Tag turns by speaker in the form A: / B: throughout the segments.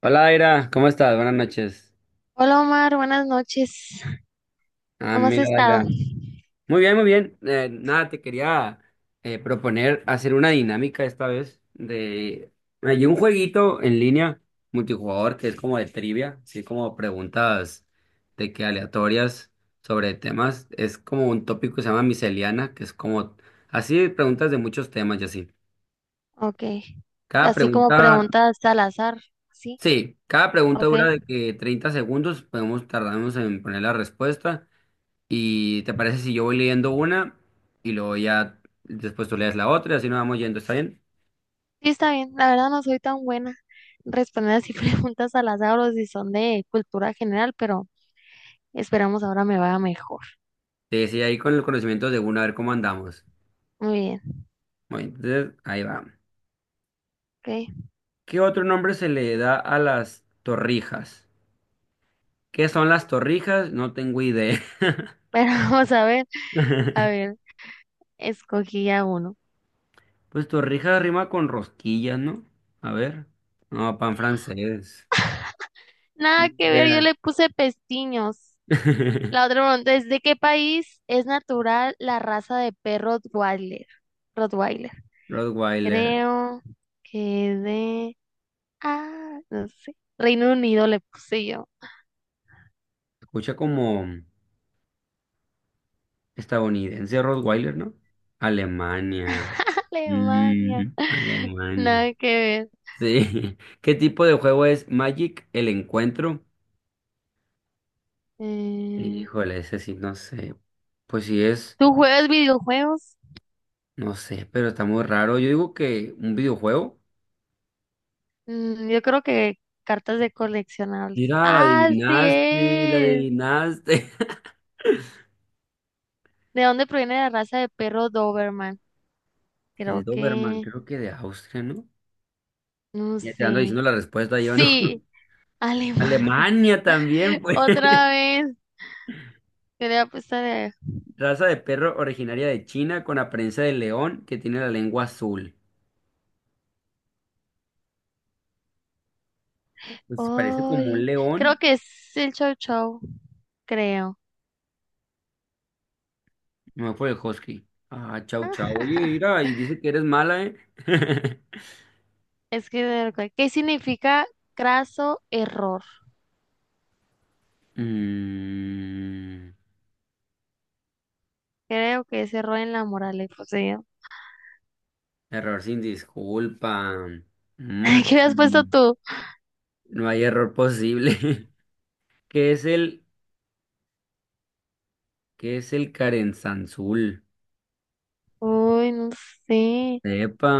A: Hola, Daira, ¿cómo estás? Buenas noches.
B: Hola Omar, buenas noches.
A: Ah,
B: ¿Cómo has
A: mira,
B: estado?
A: Daira. Muy bien, muy bien. Nada, te quería proponer hacer una dinámica esta vez de... Hay un jueguito en línea multijugador que es como de trivia, así como preguntas de que aleatorias sobre temas. Es como un tópico que se llama miseliana, que es como así preguntas de muchos temas y así.
B: Ok.
A: Cada
B: Así como
A: pregunta,
B: preguntas al azar, ¿sí?
A: sí, cada pregunta
B: Ok.
A: dura de que 30 segundos, podemos tardarnos en poner la respuesta. ¿Y te parece si yo voy leyendo una y luego ya después tú lees la otra y así nos vamos yendo? ¿Está bien?
B: Sí, está bien. La verdad no soy tan buena respondiendo así preguntas al azar o si son de cultura general, pero esperamos ahora me vaya mejor.
A: Te decía ahí con el conocimiento de una, a ver cómo andamos.
B: Muy bien,
A: Bueno, entonces ahí va.
B: ok.
A: ¿Qué otro nombre se le da a las torrijas? ¿Qué son las torrijas? No tengo idea.
B: Pero vamos a ver. A ver, escogí a uno.
A: Pues torrijas rima con rosquillas, ¿no? A ver. No, pan francés. Ni
B: Nada que ver, yo
A: idea.
B: le puse pestiños. La otra pregunta es, ¿de qué país es natural la raza de perro Rottweiler? Rottweiler.
A: Rottweiler.
B: Creo que de... Ah, no sé. Reino Unido le puse yo.
A: Escucha como estadounidense Rottweiler, ¿no? Alemania.
B: Alemania.
A: Alemania.
B: Nada que ver.
A: Sí. ¿Qué tipo de juego es Magic el encuentro?
B: Eh,
A: Híjole, ese sí, no sé. Pues sí es,
B: ¿Tú juegas videojuegos?
A: no sé, pero está muy raro. Yo digo que un videojuego.
B: Mm, yo creo que cartas de coleccionables.
A: Mira, la
B: Así
A: adivinaste, la
B: es.
A: adivinaste.
B: ¿De dónde proviene la raza de perro Doberman? Creo
A: El Doberman,
B: que...
A: creo que de Austria, ¿no?
B: No
A: Ya te ando
B: sé.
A: diciendo la respuesta yo, ¿no?
B: Sí, Alemania.
A: Alemania también, pues.
B: Otra vez. Quería apostar.
A: Raza de perro originaria de China con apariencia de león que tiene la lengua azul. Pues parece como un
B: Ay, creo
A: león,
B: que es el Chow Chow, creo.
A: Me fue el husky. Ah, chau, chau. Oye, mira, y dice que eres mala, ¿eh?
B: Es que de verdad, ¿qué significa craso error?
A: Mm,
B: Creo que es error en la moral y posesión.
A: error sin disculpa. Mm,
B: ¿Qué le has puesto tú?
A: no hay error posible. ¿Qué es el, qué es el Carenzanzul?
B: Uy, no sé.
A: Epa,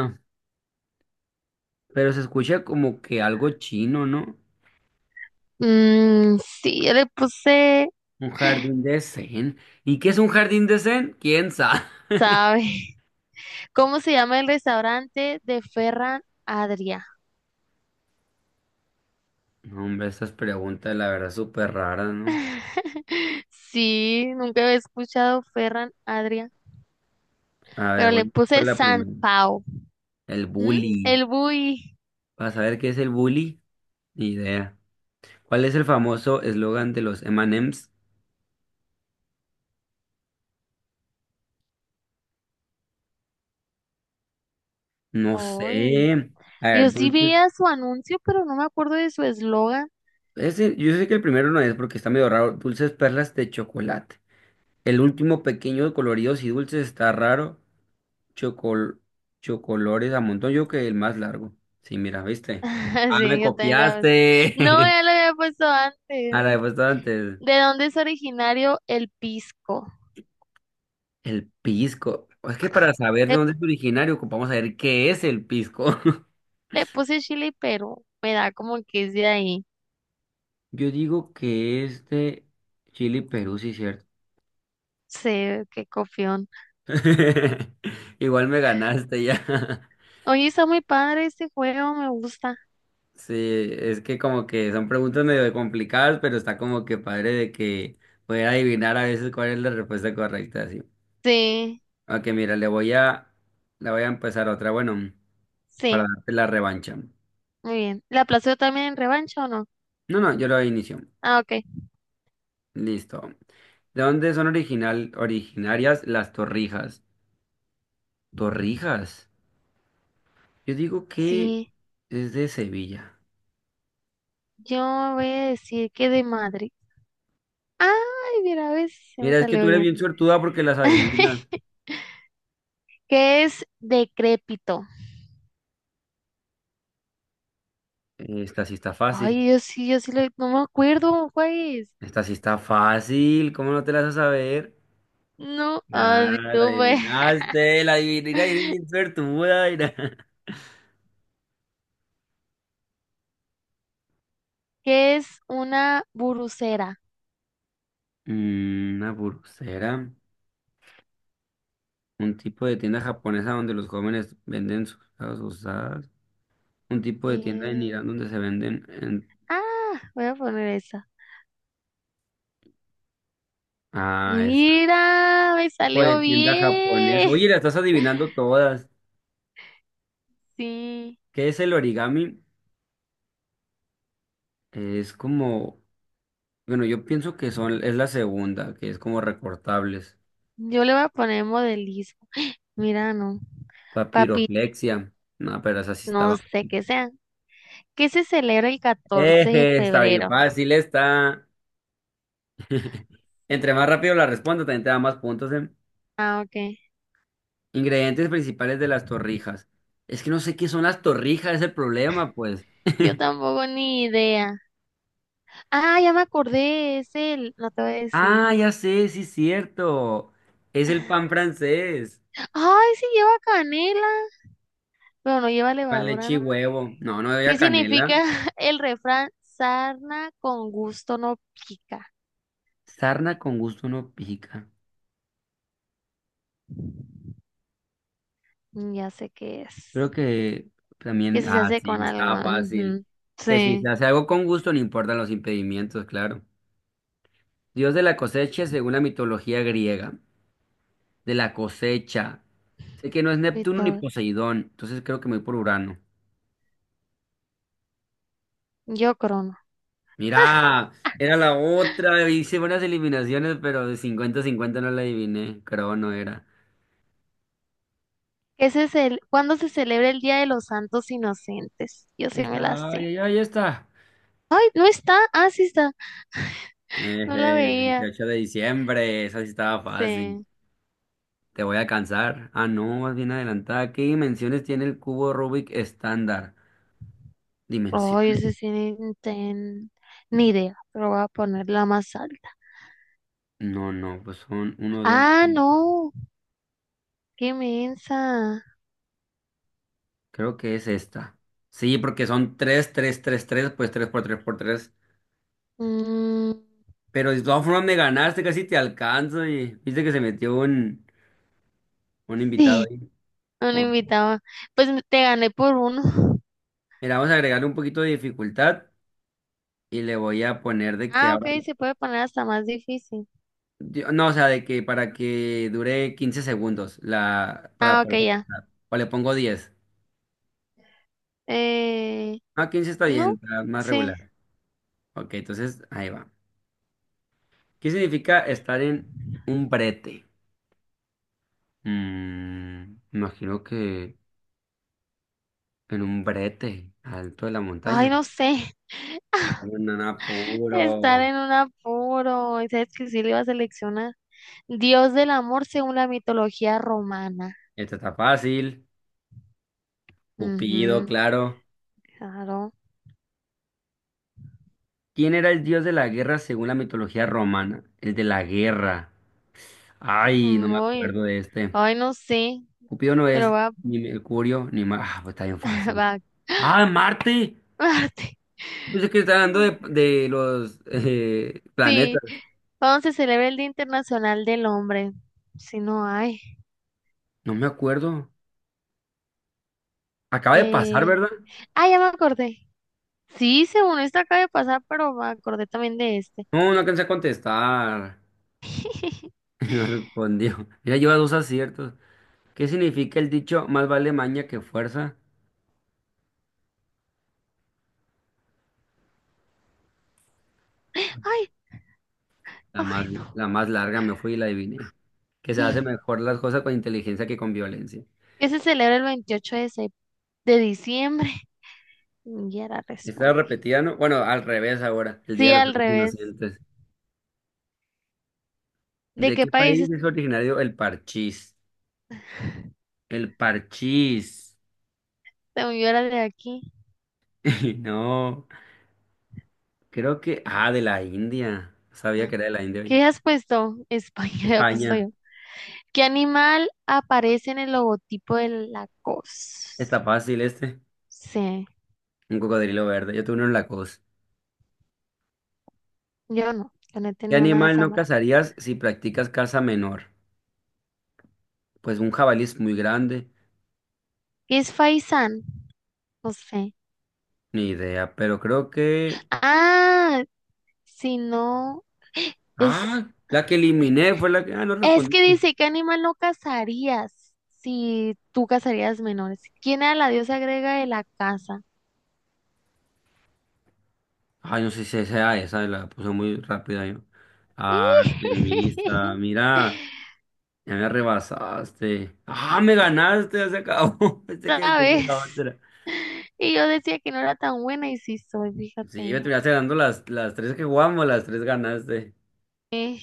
A: pero se escucha como que algo chino, ¿no?
B: Mm, sí, yo le puse,
A: Un jardín de zen. ¿Y qué es un jardín de zen? ¿Quién sabe?
B: ¿sabe? ¿Cómo se llama el restaurante de Ferran Adria?
A: No, hombre, estas preguntas, la verdad, súper raras, ¿no?
B: Sí, nunca había escuchado Ferran Adria,
A: A ver,
B: pero le
A: voy por
B: puse
A: la primera.
B: San Pau.
A: El
B: ¿Mm?
A: bullying.
B: El Bui.
A: Para saber qué es el bully, ni idea. ¿Cuál es el famoso eslogan de los M&M's? No sé.
B: Uy,
A: A
B: yo
A: ver,
B: sí
A: dulces.
B: veía su anuncio, pero no me acuerdo de su eslogan.
A: Ese, yo sé que el primero no es porque está medio raro. Dulces perlas de chocolate. El último pequeño, coloridos y dulces está raro. Chocol, chocolores a montón. Yo creo que el más largo. Sí, mira, ¿viste? Ah, me
B: Sí, yo también era. No,
A: copiaste.
B: ya lo había puesto
A: A
B: antes.
A: la respuesta antes.
B: ¿De dónde es originario el pisco?
A: El pisco. Es que para saber de
B: Le,
A: dónde es originario, ocupamos saber qué es el pisco.
B: le puse Chile, pero me da como que es de ahí.
A: Yo digo que es de Chile y Perú, sí, cierto.
B: Sí, qué copión.
A: Igual me ganaste ya.
B: Oye, está muy padre este juego, me gusta.
A: Sí, es que como que son preguntas medio complicadas, pero está como que padre de que poder adivinar a veces cuál es la respuesta correcta, sí.
B: Sí,
A: Ok, mira, le voy a empezar otra, bueno, para
B: sí,
A: darte la revancha.
B: muy bien. ¿La aplazó también en revancha o no?
A: No, no, yo lo inicio.
B: Ah, ok.
A: Listo. ¿De dónde son originarias las torrijas? ¿Torrijas? Yo digo que
B: Sí,
A: es de Sevilla.
B: yo voy a decir que de Madrid. Ay, mira, ves, se me
A: Mira, es que
B: salió
A: tú eres
B: bien.
A: bien suertuda porque las adivinas.
B: ¿Qué es decrépito?
A: Esta sí está fácil.
B: Ay, yo sí, lo- no me acuerdo, ¿cuál es?
A: Esta sí está fácil. ¿Cómo no te la vas a saber?
B: No, ay,
A: Ah, la
B: no me.
A: adivinaste, la adivinaste. Eres bien suertuda. Mira.
B: ¿Qué es una burucera?
A: Una pulsera. Un tipo de tienda japonesa donde los jóvenes venden sus cosas usadas. Un tipo de tienda en
B: Eh,
A: Irán donde se venden. En-
B: ah, voy a poner esa.
A: Ah, esa.
B: Mira, me
A: Tipo de
B: salió
A: tienda japonesa.
B: bien.
A: Oye, la estás adivinando todas.
B: Sí,
A: ¿Qué es el origami? Es como. Bueno, yo pienso que son, es la segunda, que es como recortables.
B: yo le voy a poner modelismo. Mira, no. Papi,
A: Papiroflexia. No, pero esa sí estaba.
B: no sé qué sea. ¿Qué se celebra el 14 de
A: Eje, está bien
B: febrero?
A: fácil, está.
B: Sí.
A: Entre más rápido la respondo, también te da más puntos, ¿eh?
B: Ah, ok.
A: Ingredientes principales de las torrijas. Es que no sé qué son las torrijas, es el problema, pues.
B: Yo tampoco ni idea. Ah, ya me acordé, es el, no te voy a decir.
A: Ah, ya sé, sí, es cierto. Es el pan francés.
B: Ay, sí lleva canela, pero no lleva
A: Pan,
B: levadura,
A: leche y
B: ¿no?
A: huevo. No, no había
B: ¿Qué
A: canela.
B: significa el refrán? Sarna con gusto no pica.
A: Sarna con gusto no pica.
B: Mm, ya sé qué
A: Creo
B: es.
A: que
B: Que
A: también,
B: si se
A: ah,
B: hace
A: sí,
B: con algo.
A: está fácil.
B: Ujú,
A: Que si se
B: sí,
A: hace algo con gusto, no importan los impedimentos claro. Dios de la cosecha, según la mitología griega, de la cosecha. Sé que no es
B: y
A: Neptuno ni
B: todo.
A: Poseidón, entonces creo que me voy por Urano.
B: Yo crono.
A: Mira, era la otra, hice buenas eliminaciones, pero de 50 cincuenta no la adiviné, creo no era.
B: Ese es el, ¿cuándo se celebra el Día de los Santos Inocentes? Yo sí me la
A: Está, ay,
B: sé.
A: ay, ahí está.
B: Ay, no está. Ah, sí está. No la
A: Eje,
B: veía.
A: 28 de diciembre, esa sí estaba fácil.
B: Sí.
A: Te voy a cansar. Ah, no, vas bien adelantada. ¿Qué dimensiones tiene el cubo Rubik estándar?
B: Oh,
A: ¿Dimensiones?
B: ese sí ni, ten- ni idea, pero voy a ponerla más alta.
A: No, no, pues son uno, dos.
B: Ah, no, qué mensa.
A: Creo que es esta. Sí, porque son tres, tres, tres, tres, pues tres por tres por tres.
B: Mm,
A: Pero de todas formas me ganaste, casi te alcanzo. Y viste que se metió un invitado
B: sí,
A: ahí.
B: un
A: Como-
B: invitado. Pues me- te gané por uno.
A: Mira, vamos a agregarle un poquito de dificultad y le voy a poner de que
B: Ah, ok,
A: ahora.
B: se puede poner hasta más difícil.
A: Yo- No, o sea, de que para que dure 15 segundos la, para
B: Ah, ok,
A: poder
B: ya.
A: contestar. O le pongo 10.
B: Eh,
A: Ah, 15 está
B: no,
A: bien, está más
B: sí.
A: regular. Ok, entonces ahí va. ¿Qué significa estar en un brete? Imagino que en un brete, alto de la
B: Ay,
A: montaña.
B: no sé.
A: Está en un
B: Estar
A: apuro.
B: en un apuro. Y sabes que sí le iba a seleccionar. Dios del amor según la mitología romana.
A: Esto está fácil. Cupido,
B: Ujú,
A: claro.
B: claro.
A: ¿Quién era el dios de la guerra según la mitología romana? El de la guerra. Ay, no me
B: Muy.
A: acuerdo de este.
B: Ay, no sé,
A: Cupido no
B: pero
A: es
B: va,
A: ni Mercurio, ni Marte. Ah, pues está bien fácil.
B: va a
A: ¡Ah, Marte!
B: Marte.
A: Yo que estaba hablando de los planetas.
B: Sí, ¿cuándo se celebra el Día Internacional del Hombre? Si no hay.
A: No me acuerdo. Acaba de pasar,
B: Eh...
A: ¿verdad?
B: Ah, ya me acordé. Sí, según esto acaba de pasar, pero me acordé también de este.
A: No, no alcancé a contestar. No respondió. Mira, lleva dos aciertos. ¿Qué significa el dicho más vale maña que fuerza?
B: Ay,
A: La más,
B: ay, no.
A: la más larga me fui y la adiviné. Que se hace mejor las cosas con inteligencia que con violencia.
B: ¿Qué se celebra el 28 de, de diciembre? Ya la
A: Está
B: respondí.
A: repetida, ¿no? Bueno, al revés ahora, el Día
B: Sí,
A: de los
B: al
A: Santos
B: revés.
A: Inocentes.
B: ¿De
A: ¿De
B: qué
A: qué
B: país es?
A: país es originario el parchís? El parchís.
B: Según yo era de aquí.
A: No. Creo que, ah, de la India. Sabía que era de la India, oye.
B: ¿Qué has puesto? España, pues soy
A: España.
B: yo. ¿Qué animal aparece en el logotipo de Lacoste?
A: Está fácil este.
B: Sí,
A: Un cocodrilo verde. Yo tuve uno en la costa.
B: yo no, yo no he
A: ¿Qué
B: tenido una de
A: animal
B: esa
A: no
B: marca.
A: cazarías si practicas caza menor? Pues un jabalí es muy grande.
B: ¿Qué es Faisán? No sé.
A: Ni idea. Pero creo que.
B: Ah, si no, es,
A: Ah, la que eliminé fue la que. Ah, no
B: es que
A: respondiste.
B: dice, ¿qué animal no cazarías si tú cazarías menores? ¿Quién a la diosa agrega de la caza?
A: Ay, no sé si sea esa. La puse muy rápida yo. Ah, Artemisa. Mira. Ya me rebasaste. Ah, me ganaste. Ya se acabó. Pensé que
B: Otra
A: seguía la
B: vez.
A: otra.
B: Y yo decía que no era tan buena y sí soy,
A: Sí, me
B: fíjate.
A: terminaste dando las tres que jugamos, las tres ganaste.
B: Eh,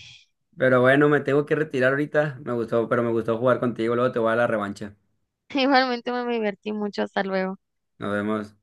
A: Pero bueno, me tengo que retirar ahorita. Me gustó, pero me gustó jugar contigo. Luego te voy a la revancha.
B: Igualmente me divertí mucho. Hasta luego.
A: Nos vemos.